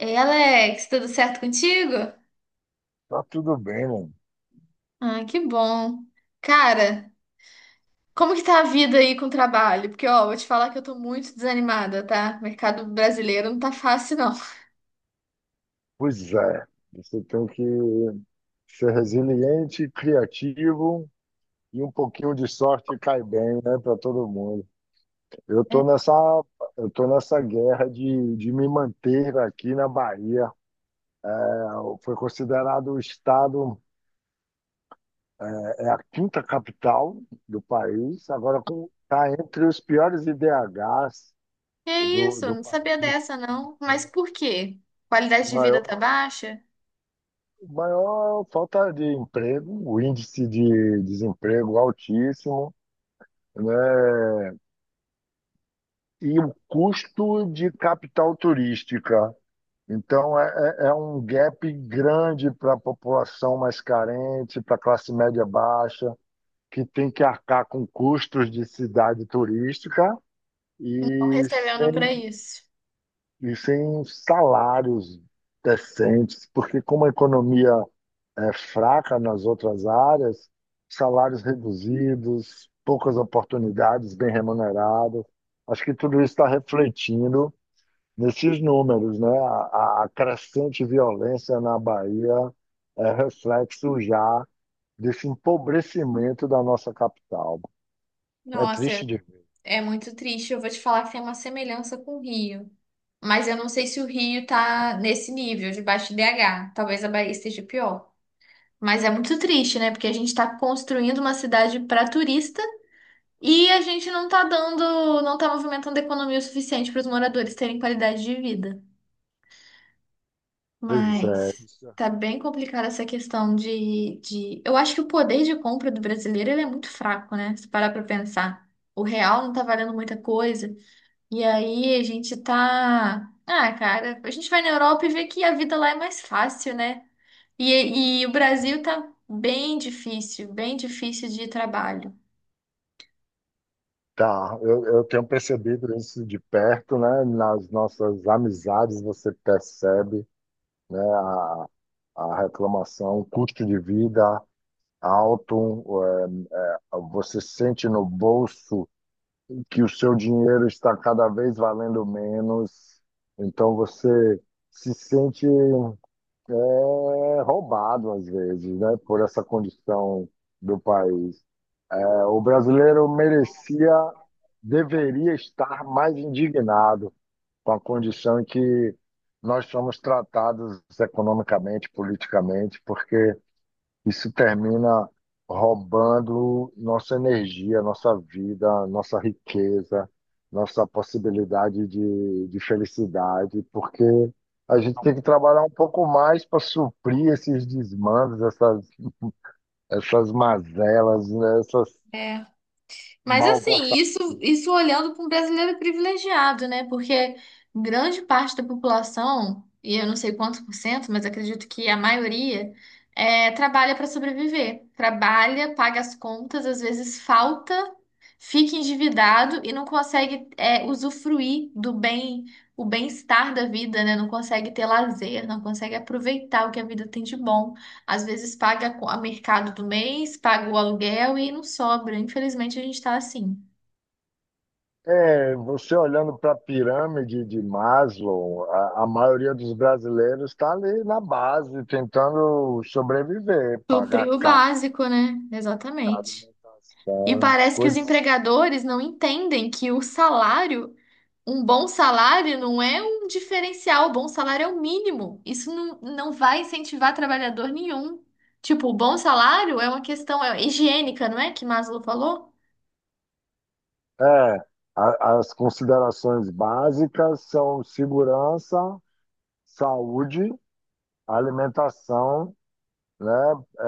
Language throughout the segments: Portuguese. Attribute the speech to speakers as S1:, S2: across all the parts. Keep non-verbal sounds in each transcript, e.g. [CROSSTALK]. S1: Ei, Alex, tudo certo contigo?
S2: Tá tudo bem, mano.
S1: Ah, que bom. Cara, como que tá a vida aí com o trabalho? Porque, ó, vou te falar que eu tô muito desanimada, tá? O mercado brasileiro não tá fácil, não.
S2: Pois é, você tem que ser resiliente, criativo e um pouquinho de sorte cai bem, né, para todo mundo. Eu
S1: É,
S2: tô nessa, eu tô nessa guerra de me manter aqui na Bahia. É, Foi considerado o estado, é a quinta capital do país, agora está entre os piores IDHs
S1: que
S2: do,
S1: isso? Eu
S2: do
S1: não sabia
S2: país.
S1: dessa, não. Mas por quê? Qualidade de vida
S2: Maior
S1: tá baixa?
S2: maior falta de emprego, o índice de desemprego altíssimo, né? E o custo de capital turística. Então, é um gap grande para a população mais carente, para a classe média baixa, que tem que arcar com custos de cidade turística
S1: Estão
S2: e
S1: recebendo
S2: sem,
S1: pra isso.
S2: e sem salários decentes, porque como a economia fraca nas outras áreas, salários reduzidos, poucas oportunidades, bem remunerado. Acho que tudo isso está refletindo nesses números, né? A crescente violência na Bahia é reflexo já desse empobrecimento da nossa capital. É triste
S1: Nossa,
S2: de ver.
S1: é muito triste. Eu vou te falar que tem uma semelhança com o Rio. Mas eu não sei se o Rio tá nesse nível de baixo IDH. Talvez a Bahia esteja pior. Mas é muito triste, né? Porque a gente está construindo uma cidade para turista e a gente não tá dando, não tá movimentando a economia o suficiente para os moradores terem qualidade de vida.
S2: Pois é.
S1: Mas tá bem complicada essa questão. Eu acho que o poder de compra do brasileiro ele é muito fraco, né? Se parar para pensar. O real não tá valendo muita coisa. E aí a gente tá. Ah, cara, a gente vai na Europa e vê que a vida lá é mais fácil, né? E o Brasil tá bem difícil de trabalho.
S2: Tá, eu tenho percebido isso de perto, né? Nas nossas amizades você percebe, né? A reclamação, custo de vida alto, você sente no bolso que o seu dinheiro está cada vez valendo menos, então você se sente roubado às vezes, né? Por essa condição do país. É, o brasileiro merecia, deveria estar mais indignado com a condição em que nós somos tratados economicamente, politicamente, porque isso termina roubando nossa energia, nossa vida, nossa riqueza, nossa possibilidade de felicidade, porque a gente tem que trabalhar um pouco mais para suprir esses desmandos, essas mazelas, né, essas
S1: É. Mas assim,
S2: malversações.
S1: isso olhando para um brasileiro privilegiado, né? Porque grande parte da população, e eu não sei quantos por cento, mas acredito que a maioria, trabalha para sobreviver. Trabalha, paga as contas, às vezes falta, fica endividado e não consegue, usufruir o bem-estar da vida, né? Não consegue ter lazer, não consegue aproveitar o que a vida tem de bom. Às vezes paga o mercado do mês, paga o aluguel e não sobra. Infelizmente a gente está assim.
S2: É, você olhando para a pirâmide de Maslow, a maioria dos brasileiros está ali na base, tentando sobreviver, pagar
S1: Suprir o
S2: casa,
S1: básico, né? Exatamente. E
S2: alimentação,
S1: parece que os
S2: coisas.
S1: empregadores não entendem que o salário, um bom salário, não é um diferencial. O bom salário é o mínimo. Isso não, não vai incentivar trabalhador nenhum. Tipo, o bom salário é uma questão higiênica, não é? Que Maslow falou?
S2: É, as considerações básicas são segurança, saúde, alimentação, né, é,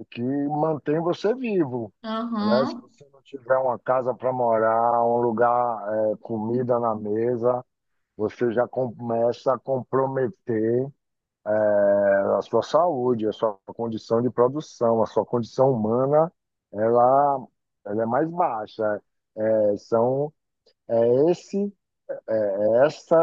S2: é, que mantém você vivo. Né? Se
S1: Aham.
S2: você não tiver uma casa para morar, um lugar, comida na mesa, você já começa a comprometer é, a sua saúde, a sua condição de produção, a sua condição humana, ela, ela é mais baixa. É, são, é esse, é essa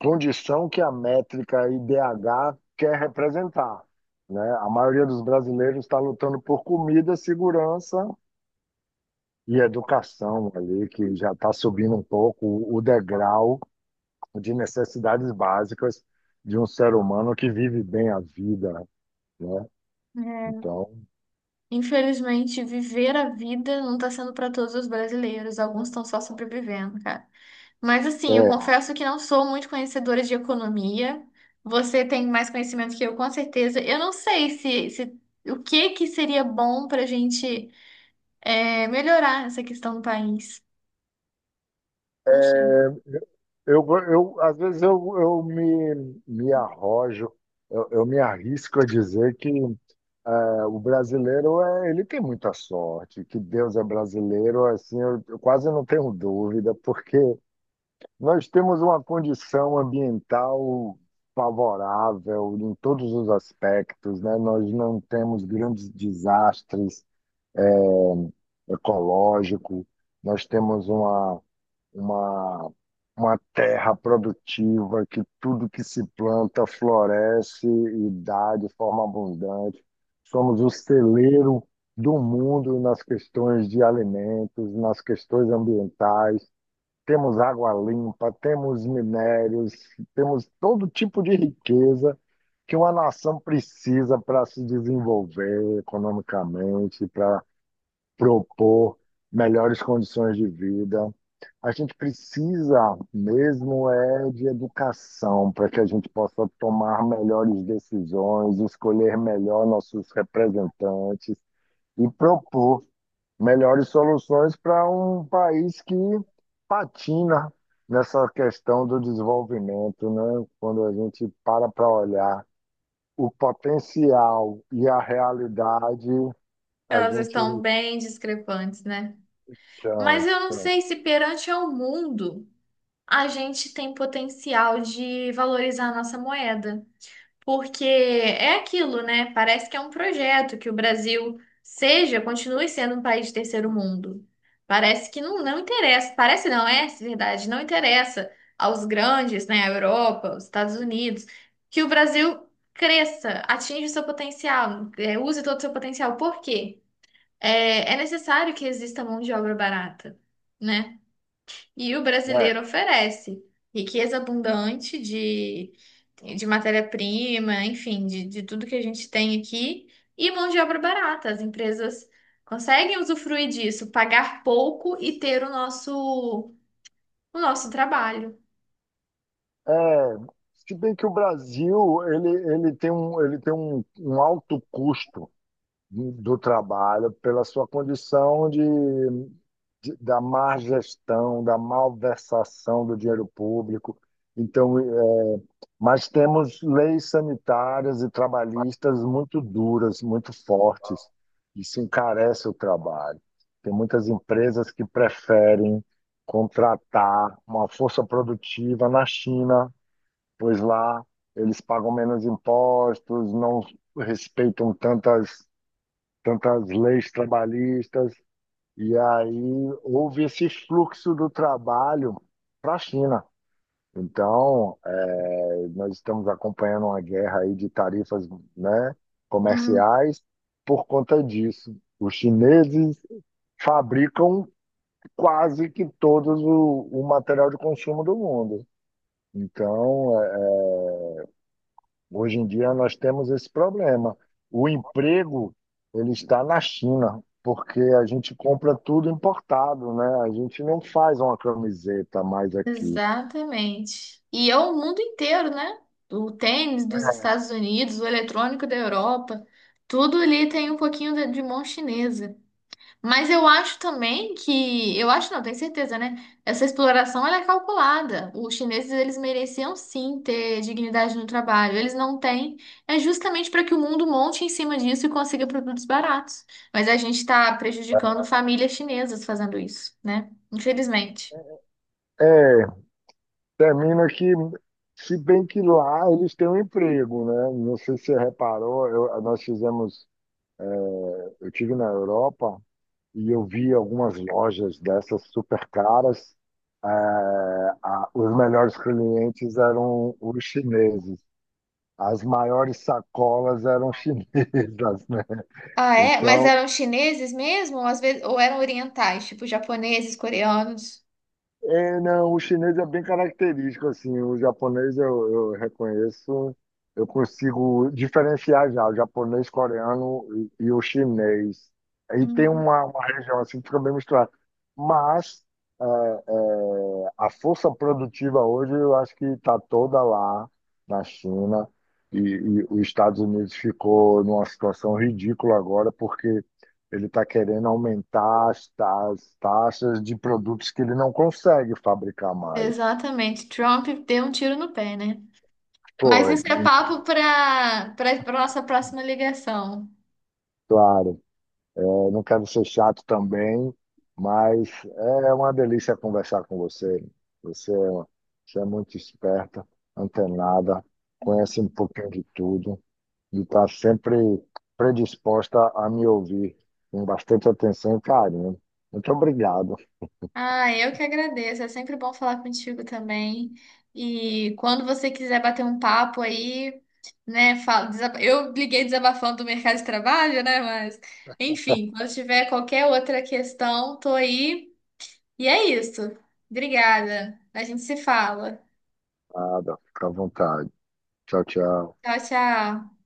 S2: condição que a métrica IDH quer representar. Né? A maioria dos brasileiros está lutando por comida, segurança e educação ali, que já está subindo um pouco o degrau de necessidades básicas de um ser humano que vive bem a vida, né? Então,
S1: Infelizmente, viver a vida não está sendo para todos os brasileiros. Alguns estão só sobrevivendo, cara. Mas assim, eu
S2: é,
S1: confesso que não sou muito conhecedora de economia. Você tem mais conhecimento que eu, com certeza. Eu não sei se o que que seria bom para a gente melhorar essa questão do país. Não sei.
S2: é, eu, às vezes eu me arrojo, eu me arrisco a dizer que o brasileiro ele tem muita sorte, que Deus é brasileiro, assim, eu quase não tenho dúvida, porque nós temos uma condição ambiental favorável em todos os aspectos, né? Nós não temos grandes desastres ecológicos, nós temos uma, uma, uma terra produtiva que tudo que se planta floresce e dá de forma abundante. Somos o celeiro do mundo nas questões de alimentos, nas questões ambientais temos água limpa, temos minérios, temos todo tipo de riqueza que uma nação precisa para se desenvolver economicamente, para propor melhores condições de vida. A gente precisa mesmo é de educação para que a gente possa tomar melhores decisões, escolher melhor nossos representantes e propor melhores soluções para um país que patina nessa questão do desenvolvimento, né? Quando a gente para para olhar o potencial e a realidade, a
S1: Elas
S2: gente
S1: estão bem discrepantes, né? Mas
S2: então,
S1: eu não
S2: então,
S1: sei se perante ao mundo a gente tem potencial de valorizar a nossa moeda. Porque é aquilo, né? Parece que é um projeto que o Brasil seja, continue sendo um país de terceiro mundo. Parece que não, não interessa, parece não, é verdade, não interessa aos grandes, né, a Europa, os Estados Unidos, que o Brasil cresça, atinja o seu potencial, é, use todo o seu potencial. Por quê? É, é necessário que exista mão de obra barata, né? E o
S2: né?
S1: brasileiro oferece riqueza abundante de matéria-prima, enfim, de tudo que a gente tem aqui, e mão de obra barata. As empresas conseguem usufruir disso, pagar pouco e ter o nosso trabalho.
S2: É, se bem que o Brasil ele tem um alto custo do trabalho pela sua condição de da má gestão, da malversação do dinheiro público. Então, mas temos leis sanitárias e trabalhistas muito duras, muito fortes. Isso encarece o trabalho. Tem muitas empresas que preferem contratar uma força produtiva na China, pois lá eles pagam menos impostos, não respeitam tantas leis trabalhistas. E aí houve esse fluxo do trabalho para a China. Então, nós estamos acompanhando uma guerra aí de tarifas, né,
S1: Hum.
S2: comerciais por conta disso. Os chineses fabricam quase que todos o material de consumo do mundo. Então, hoje em dia nós temos esse problema. O emprego ele está na China, porque a gente compra tudo importado, né? A gente não faz uma camiseta mais aqui.
S1: Exatamente. E é o mundo inteiro, né? O tênis dos Estados Unidos, o eletrônico da Europa, tudo ali tem um pouquinho de mão chinesa. Mas eu acho também que, eu acho não, tenho certeza, né? Essa exploração ela é calculada. Os chineses eles mereciam sim ter dignidade no trabalho. Eles não têm. É justamente para que o mundo monte em cima disso e consiga produtos baratos. Mas a gente está prejudicando famílias chinesas fazendo isso, né? Infelizmente.
S2: É, termina que, se bem que lá eles têm um emprego, né? Não sei se você reparou, nós fizemos, é, eu tive na Europa e eu vi algumas lojas dessas super caras. É, os melhores clientes eram os chineses. As maiores sacolas eram [LAUGHS] chinesas, né?
S1: Ah, é? Mas
S2: Então,
S1: eram chineses mesmo? Ou às vezes, ou eram orientais, tipo japoneses, coreanos?
S2: é, não, o chinês é bem característico, assim, o japonês eu reconheço, eu consigo diferenciar já o japonês, coreano e o chinês. Aí tem
S1: Hum,
S2: uma região assim que fica bem misturada. Mas a força produtiva hoje eu acho que está toda lá na China e os Estados Unidos ficou numa situação ridícula agora porque ele está querendo aumentar as, as taxas de produtos que ele não consegue fabricar mais.
S1: exatamente. Trump deu um tiro no pé, né? Mas
S2: Foi,
S1: isso é papo
S2: então,
S1: para nossa próxima ligação.
S2: claro, é, não quero ser chato também, mas é uma delícia conversar com você. Você, é uma- você é muito esperta, antenada, conhece um pouquinho de tudo e está sempre predisposta a me ouvir com bastante atenção e carinho. Muito obrigado.
S1: Ah, eu que agradeço. É sempre bom falar contigo também. E quando você quiser bater um papo aí, né? Fala, eu liguei desabafando do mercado de trabalho, né? Mas, enfim, quando tiver qualquer outra questão, tô aí. E é isso. Obrigada. A gente se fala.
S2: Nada, fica à vontade. Tchau, tchau.
S1: Tchau, tchau.